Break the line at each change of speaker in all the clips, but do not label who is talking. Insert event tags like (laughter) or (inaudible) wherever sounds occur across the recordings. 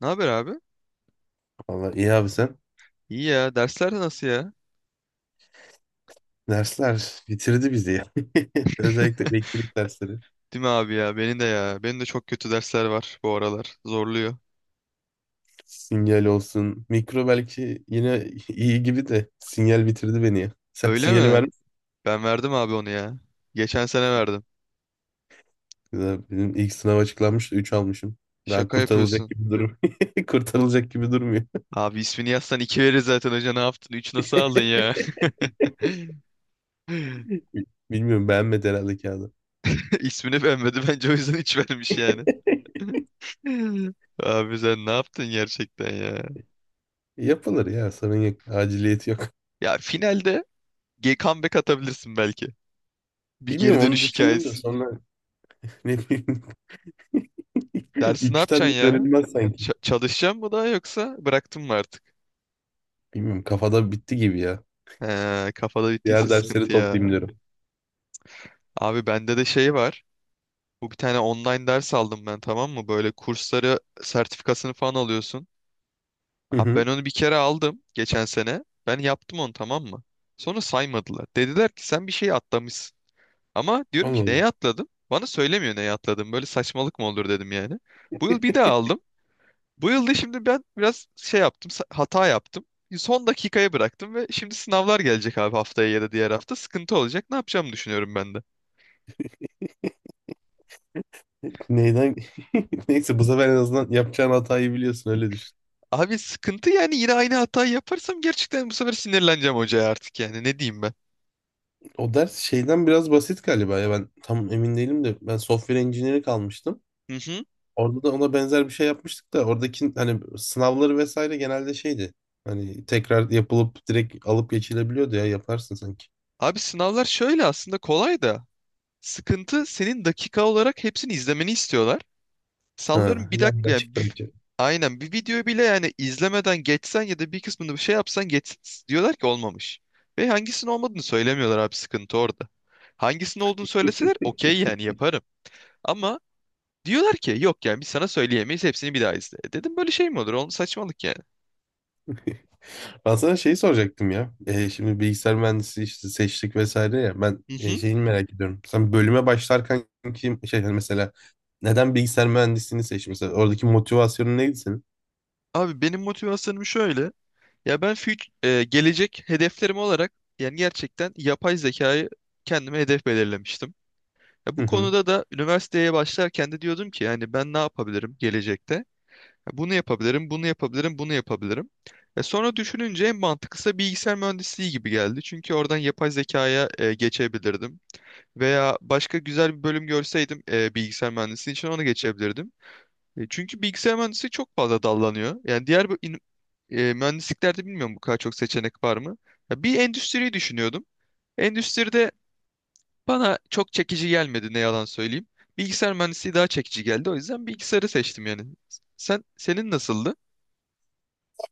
Ne haber abi?
Valla iyi abi sen.
İyi ya. Dersler de nasıl ya?
Dersler bitirdi bizi ya. (laughs) Özellikle elektrik dersleri.
Değil mi abi ya? Benim de ya. Benim de çok kötü dersler var bu aralar. Zorluyor.
Sinyal olsun. Mikro belki yine iyi gibi de sinyal bitirdi beni ya. Sen
Öyle
sinyali
mi?
vermişsin.
Ben verdim abi onu ya. Geçen sene verdim.
Benim ilk sınav açıklanmıştı. Üç almışım. Daha
Şaka
kurtarılacak
yapıyorsun.
gibi durum. (laughs) Kurtarılacak gibi durmuyor.
Abi ismini yazsan iki verir zaten hoca. Ne yaptın? Üç nasıl aldın ya? (laughs)
(laughs) Bilmiyorum, beğenmedi herhalde kağıdı.
İsmini beğenmedi. Bence o yüzden üç vermiş yani. (laughs) Abi sen ne yaptın gerçekten ya?
Yapılır ya, sorun yok. Aciliyeti yok.
Ya finalde comeback atabilirsin belki. Bir geri
Bilmiyorum, onu
dönüş
düşündüm de
hikayesi.
sonra (laughs) ne bileyim. (laughs)
Dersi ne
Üçten de
yapacaksın ya?
dönülmez sanki.
Çalışacağım mı daha yoksa bıraktım mı artık?
Bilmiyorum, kafada bitti gibi ya.
He, kafada bittiyse
Diğer dersleri
sıkıntı ya.
toplayayım diyorum.
Abi bende de şey var. Bu bir tane online ders aldım ben, tamam mı? Böyle kursları, sertifikasını falan alıyorsun. Abi ben
(laughs)
onu bir kere aldım geçen sene. Ben yaptım onu, tamam mı? Sonra saymadılar. Dediler ki sen bir şey atlamışsın. Ama diyorum ki neye
Anladım.
atladım? Bana söylemiyor neye atladım. Böyle saçmalık mı olur dedim yani. Bu yıl bir daha aldım. Bu yılda şimdi ben biraz şey yaptım, hata yaptım. Son dakikaya bıraktım ve şimdi sınavlar gelecek abi, haftaya ya da diğer hafta. Sıkıntı olacak. Ne yapacağımı düşünüyorum ben de.
Neyden? (laughs) Neyse, bu sefer en azından yapacağın hatayı biliyorsun, öyle düşün.
Abi sıkıntı yani, yine aynı hatayı yaparsam gerçekten bu sefer sinirleneceğim hocaya artık yani. Ne diyeyim ben?
O ders şeyden biraz basit galiba ya, ben tam emin değilim de, ben software engineering almıştım.
Hı hı.
Orada da ona benzer bir şey yapmıştık da, oradaki hani sınavları vesaire genelde şeydi. Hani tekrar yapılıp direkt alıp geçilebiliyordu ya, yaparsın sanki.
Abi sınavlar şöyle aslında kolay da. Sıkıntı, senin dakika olarak hepsini izlemeni istiyorlar.
Ha,
Sallıyorum bir dakika
yandan
yani
çıktı.
aynen, bir videoyu bile yani izlemeden geçsen ya da bir kısmını bir şey yapsan, geç diyorlar ki olmamış. Ve hangisinin olmadığını söylemiyorlar abi, sıkıntı orada. Hangisinin olduğunu söyleseler okey yani, yaparım. Ama diyorlar ki yok yani biz sana söyleyemeyiz, hepsini bir daha izle. E dedim böyle şey mi olur? Oğlum saçmalık yani.
Ben sana şeyi soracaktım ya. Şimdi bilgisayar mühendisliği işte seçtik vesaire ya. Ben
Hı hı.
şeyini merak ediyorum. Sen bölüme başlarken kim şey hani mesela neden bilgisayar mühendisliğini seçtin? Mesela oradaki motivasyonun neydi senin?
Abi benim motivasyonum şöyle. Ya ben gelecek hedeflerim olarak yani gerçekten yapay zekayı kendime hedef belirlemiştim. Ya
Hı
bu
hı.
konuda da üniversiteye başlarken de diyordum ki yani ben ne yapabilirim gelecekte? Ya bunu yapabilirim, bunu yapabilirim, bunu yapabilirim. E sonra düşününce en mantıklısı bilgisayar mühendisliği gibi geldi. Çünkü oradan yapay zekaya geçebilirdim. Veya başka güzel bir bölüm görseydim bilgisayar mühendisliği için ona geçebilirdim. Çünkü bilgisayar mühendisliği çok fazla dallanıyor. Yani diğer bu mühendisliklerde bilmiyorum bu kadar çok seçenek var mı? Ya bir endüstriyi düşünüyordum. Endüstride bana çok çekici gelmedi, ne yalan söyleyeyim. Bilgisayar mühendisliği daha çekici geldi. O yüzden bilgisayarı seçtim yani. Sen, senin nasıldı?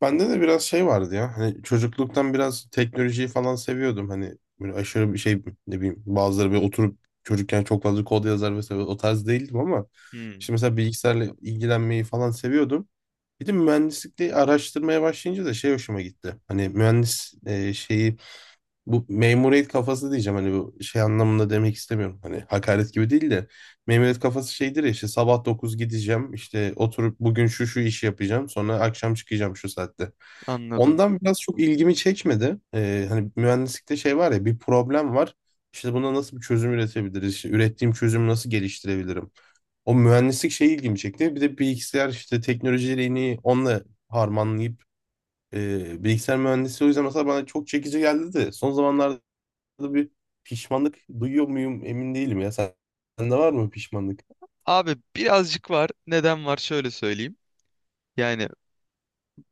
Bende de biraz şey vardı ya. Hani çocukluktan biraz teknolojiyi falan seviyordum. Hani böyle aşırı bir şey, ne bileyim, bazıları böyle oturup çocukken çok fazla kod yazar vesaire, o tarz değildim ama
Hmm,
işte mesela bilgisayarla ilgilenmeyi falan seviyordum. Bir de mühendislikte araştırmaya başlayınca da şey hoşuma gitti. Hani mühendis şeyi, bu memuriyet kafası diyeceğim, hani bu şey anlamında demek istemiyorum. Hani hakaret gibi değil de, memuriyet kafası şeydir ya, işte sabah 9 gideceğim, işte oturup bugün şu şu işi yapacağım, sonra akşam çıkacağım şu saatte.
anladım.
Ondan biraz çok ilgimi çekmedi. Hani mühendislikte şey var ya, bir problem var. İşte buna nasıl bir çözüm üretebiliriz? İşte ürettiğim çözümü nasıl geliştirebilirim? O mühendislik şey ilgimi çekti. Bir de bilgisayar işte teknolojilerini onunla harmanlayıp bilgisayar mühendisliği o yüzden mesela bana çok çekici geldi de, son zamanlarda bir pişmanlık duyuyor muyum emin değilim ya. Sen, sende var mı pişmanlık?
Abi birazcık var. Neden var şöyle söyleyeyim. Yani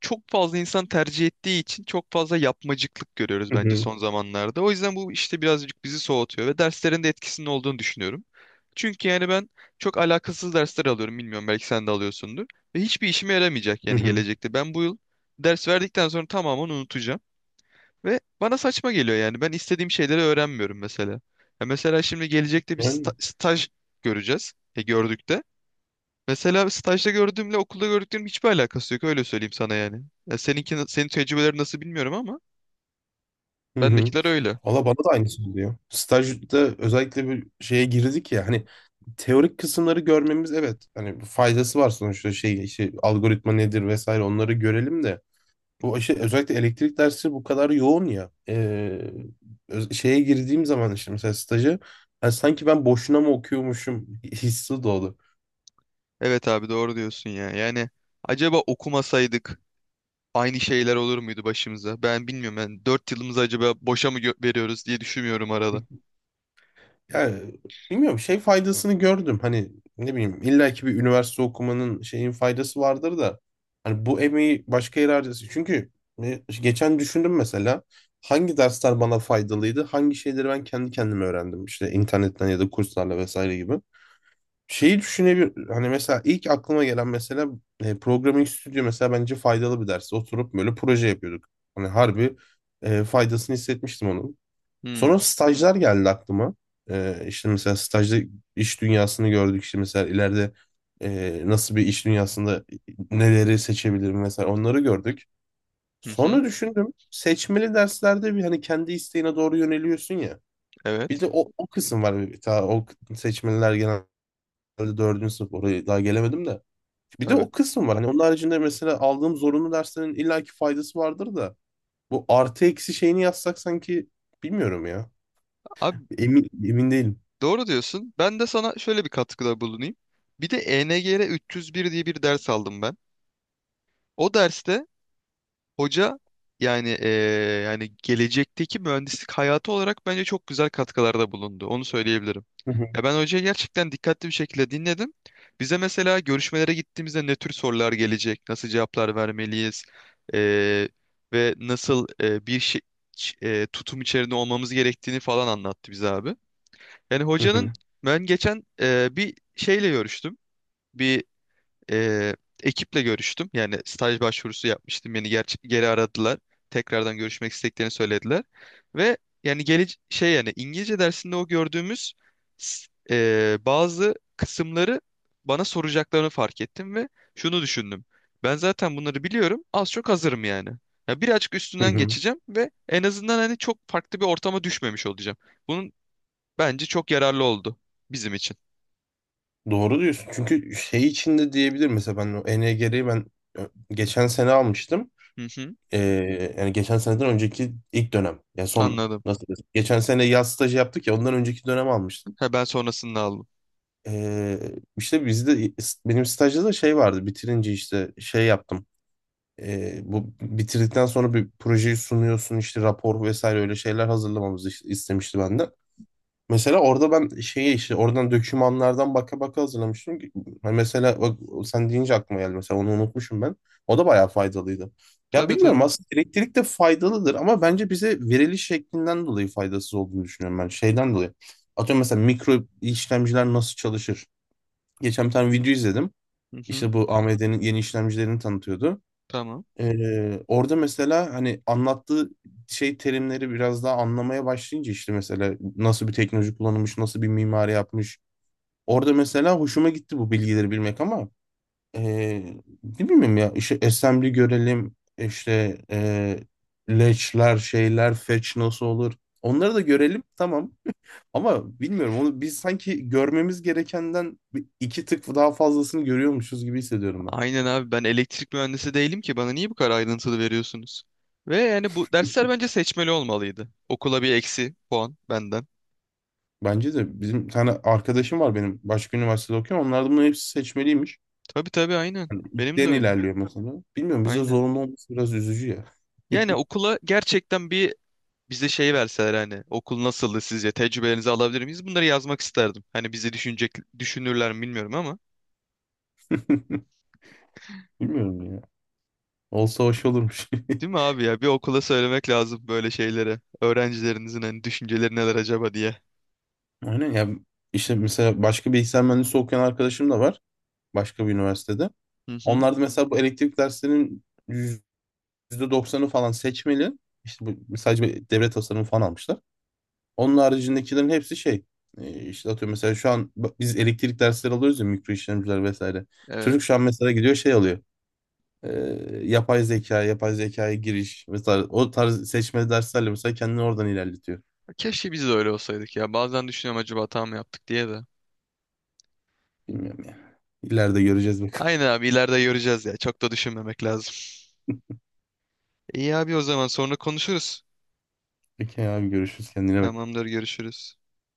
çok fazla insan tercih ettiği için çok fazla yapmacıklık görüyoruz
Hı
bence
hı.
son zamanlarda. O yüzden bu işte birazcık bizi soğutuyor ve derslerin de etkisinin olduğunu düşünüyorum. Çünkü yani ben çok alakasız dersler alıyorum. Bilmiyorum, belki sen de alıyorsundur. Ve hiçbir işime yaramayacak
Hı
yani
hı.
gelecekte. Ben bu yıl ders verdikten sonra tamamen unutacağım. Ve bana saçma geliyor yani. Ben istediğim şeyleri öğrenmiyorum mesela. Ya mesela şimdi gelecekte bir
Yani.
staj göreceğiz. E gördük de. Mesela stajda gördüğümle okulda gördüklerim hiçbir alakası yok. Öyle söyleyeyim sana yani. Ya seninki, senin tecrübeleri nasıl bilmiyorum ama
Hı hı.
bendekiler öyle.
Valla bana da aynısı oluyor. Stajda özellikle bir şeye girdik ya, hani teorik kısımları görmemiz, evet hani faydası var sonuçta, şey işte algoritma nedir vesaire, onları görelim de bu işte özellikle elektrik dersi bu kadar yoğun ya. Öz- şeye girdiğim zaman işte mesela stajı, yani sanki ben boşuna mı okuyormuşum hissi doğdu.
Evet abi, doğru diyorsun ya. Yani acaba okumasaydık aynı şeyler olur muydu başımıza? Ben bilmiyorum. Ben 4 yılımızı acaba boşa mı veriyoruz diye düşünüyorum arada.
Ya bilmiyorum, şey faydasını gördüm. Hani ne bileyim, illa ki bir üniversite okumanın şeyin faydası vardır da. Hani bu emeği başka yere harcası. Çünkü geçen düşündüm mesela hangi dersler bana faydalıydı? Hangi şeyleri ben kendi kendime öğrendim işte internetten ya da kurslarla vesaire gibi. Şeyi düşünebilir, hani mesela ilk aklıma gelen mesela Programming Studio mesela bence faydalı bir ders. Oturup böyle proje yapıyorduk. Hani harbi faydasını hissetmiştim onu. Sonra
Hmm.
stajlar geldi aklıma. İşte mesela stajda iş dünyasını gördük. İşte mesela ileride nasıl bir iş dünyasında neleri seçebilirim, mesela onları gördük.
Hı hı.
Sonra düşündüm, seçmeli derslerde bir hani kendi isteğine doğru yöneliyorsun ya. Bir
Evet.
de o, o kısım var. Bir- Ta, o k- seçmeliler genelde dördüncü sınıf, oraya daha gelemedim de. Bir de
Tabii.
o kısım var. Hani onun haricinde mesela aldığım zorunlu derslerin illaki faydası vardır da. Bu artı eksi şeyini yazsak sanki, bilmiyorum ya.
Abi
Emin değilim.
doğru diyorsun. Ben de sana şöyle bir katkıda bulunayım. Bir de ENGR 301 diye bir ders aldım ben. O derste hoca yani yani gelecekteki mühendislik hayatı olarak bence çok güzel katkılarda bulundu. Onu söyleyebilirim.
Hı hı.
Ya ben hocayı gerçekten dikkatli bir şekilde dinledim. Bize mesela görüşmelere gittiğimizde ne tür sorular gelecek, nasıl cevaplar vermeliyiz eee, ve nasıl bir şey, tutum içerisinde olmamız gerektiğini falan anlattı bize abi. Yani
Hı
hocanın,
hı.
ben geçen bir şeyle görüştüm. Bir e, ekiple görüştüm. Yani staj başvurusu yapmıştım. Beni geri aradılar. Tekrardan görüşmek istediklerini söylediler. Ve yani gele şey yani İngilizce dersinde o gördüğümüz bazı kısımları bana soracaklarını fark ettim ve şunu düşündüm. Ben zaten bunları biliyorum. Az çok hazırım yani. Ya birazcık
Hı
üstünden
hı.
geçeceğim ve en azından hani çok farklı bir ortama düşmemiş olacağım. Bunun, bence çok yararlı oldu bizim için.
Doğru diyorsun. Çünkü şey içinde diyebilir mesela, ben o ENGR'yi ö- geçen sene almıştım.
Hı hı,
Yani geçen seneden önceki ilk dönem. Ya son,
anladım.
nasıl desem. Geçen sene yaz stajı yaptık ya, ondan önceki dönem almıştım.
Ha, ben sonrasını aldım.
Ee, işte bizde, benim stajda da şey vardı. Bitirince işte şey yaptım. Bu bitirdikten sonra bir projeyi sunuyorsun işte, rapor vesaire öyle şeyler hazırlamamızı işte istemişti benden. Mesela orada ben şeyi işte oradan dokümanlardan baka baka hazırlamıştım. Ha, mesela bak, sen deyince aklıma geldi. Mesela onu unutmuşum ben. O da bayağı faydalıydı. Ya
Tabii,
bilmiyorum,
tabii.
aslında elektrik de faydalıdır ama bence bize veriliş şeklinden dolayı faydasız olduğunu düşünüyorum ben. Şeyden dolayı. Atıyorum mesela mikro işlemciler nasıl çalışır? Geçen bir tane video izledim.
Hı hı,
İşte bu AMD'nin yeni işlemcilerini tanıtıyordu.
tamam.
Orada mesela hani anlattığı şey terimleri biraz daha anlamaya başlayınca, işte mesela nasıl bir teknoloji kullanılmış, nasıl bir mimari yapmış. Orada mesela hoşuma gitti bu bilgileri bilmek ama ee, ne bileyim ya, işte assembly görelim, işte leçler şeyler fetch nasıl olur, onları da görelim tamam, ama bilmiyorum, onu biz sanki görmemiz gerekenden bir- iki tık daha fazlasını görüyormuşuz gibi hissediyorum.
Aynen abi, ben elektrik mühendisi değilim ki bana niye bu kadar ayrıntılı veriyorsunuz? Ve yani bu dersler bence seçmeli olmalıydı. Okula bir eksi puan benden.
Bence de bizim bir tane arkadaşım var benim, başka üniversitede okuyor. Onlardan bunların hepsi seçmeliymiş.
Tabii tabii, aynen. Benim de
Den
öyle.
ilerliyor mesela. Bilmiyorum, bizde
Aynen.
zorunlu olması biraz üzücü ya.
Yani okula gerçekten bir, bize şey verseler hani okul nasıldı sizce, tecrübelerinizi alabilir miyiz? Bunları yazmak isterdim. Hani bizi düşünecek, düşünürler mi bilmiyorum ama.
(laughs) Bilmiyorum ya. Olsa hoş olurmuş.
Değil mi abi ya? Bir okula söylemek lazım böyle şeyleri. Öğrencilerinizin hani düşünceleri neler acaba diye.
(laughs) Aynen ya, işte mesela başka bilgisayar mühendisi okuyan arkadaşım da var. Başka bir üniversitede.
Hı hı.
Onlar mesela bu elektrik derslerinin yüzde doksanı falan seçmeli. İşte bu sadece bir devre tasarımı falan almışlar. Onun haricindekilerin hepsi şey. İşte atıyorum mesela şu an bak biz elektrik dersleri alıyoruz ya, mikro işlemciler vesaire.
Evet.
Çocuk şu an mesela gidiyor şey alıyor. E, Yapay zeka, yapay zekaya giriş, mesela o tarz seçmeli derslerle mesela kendini oradan ilerletiyor.
Keşke biz de öyle olsaydık ya. Bazen düşünüyorum acaba hata mı yaptık diye de.
Bilmiyorum ya. İleride göreceğiz bakalım.
Aynen
(laughs)
abi, ileride göreceğiz ya. Çok da düşünmemek lazım. İyi abi, o zaman sonra konuşuruz.
Peki abi, görüşürüz, kendine bak.
Tamamdır, görüşürüz.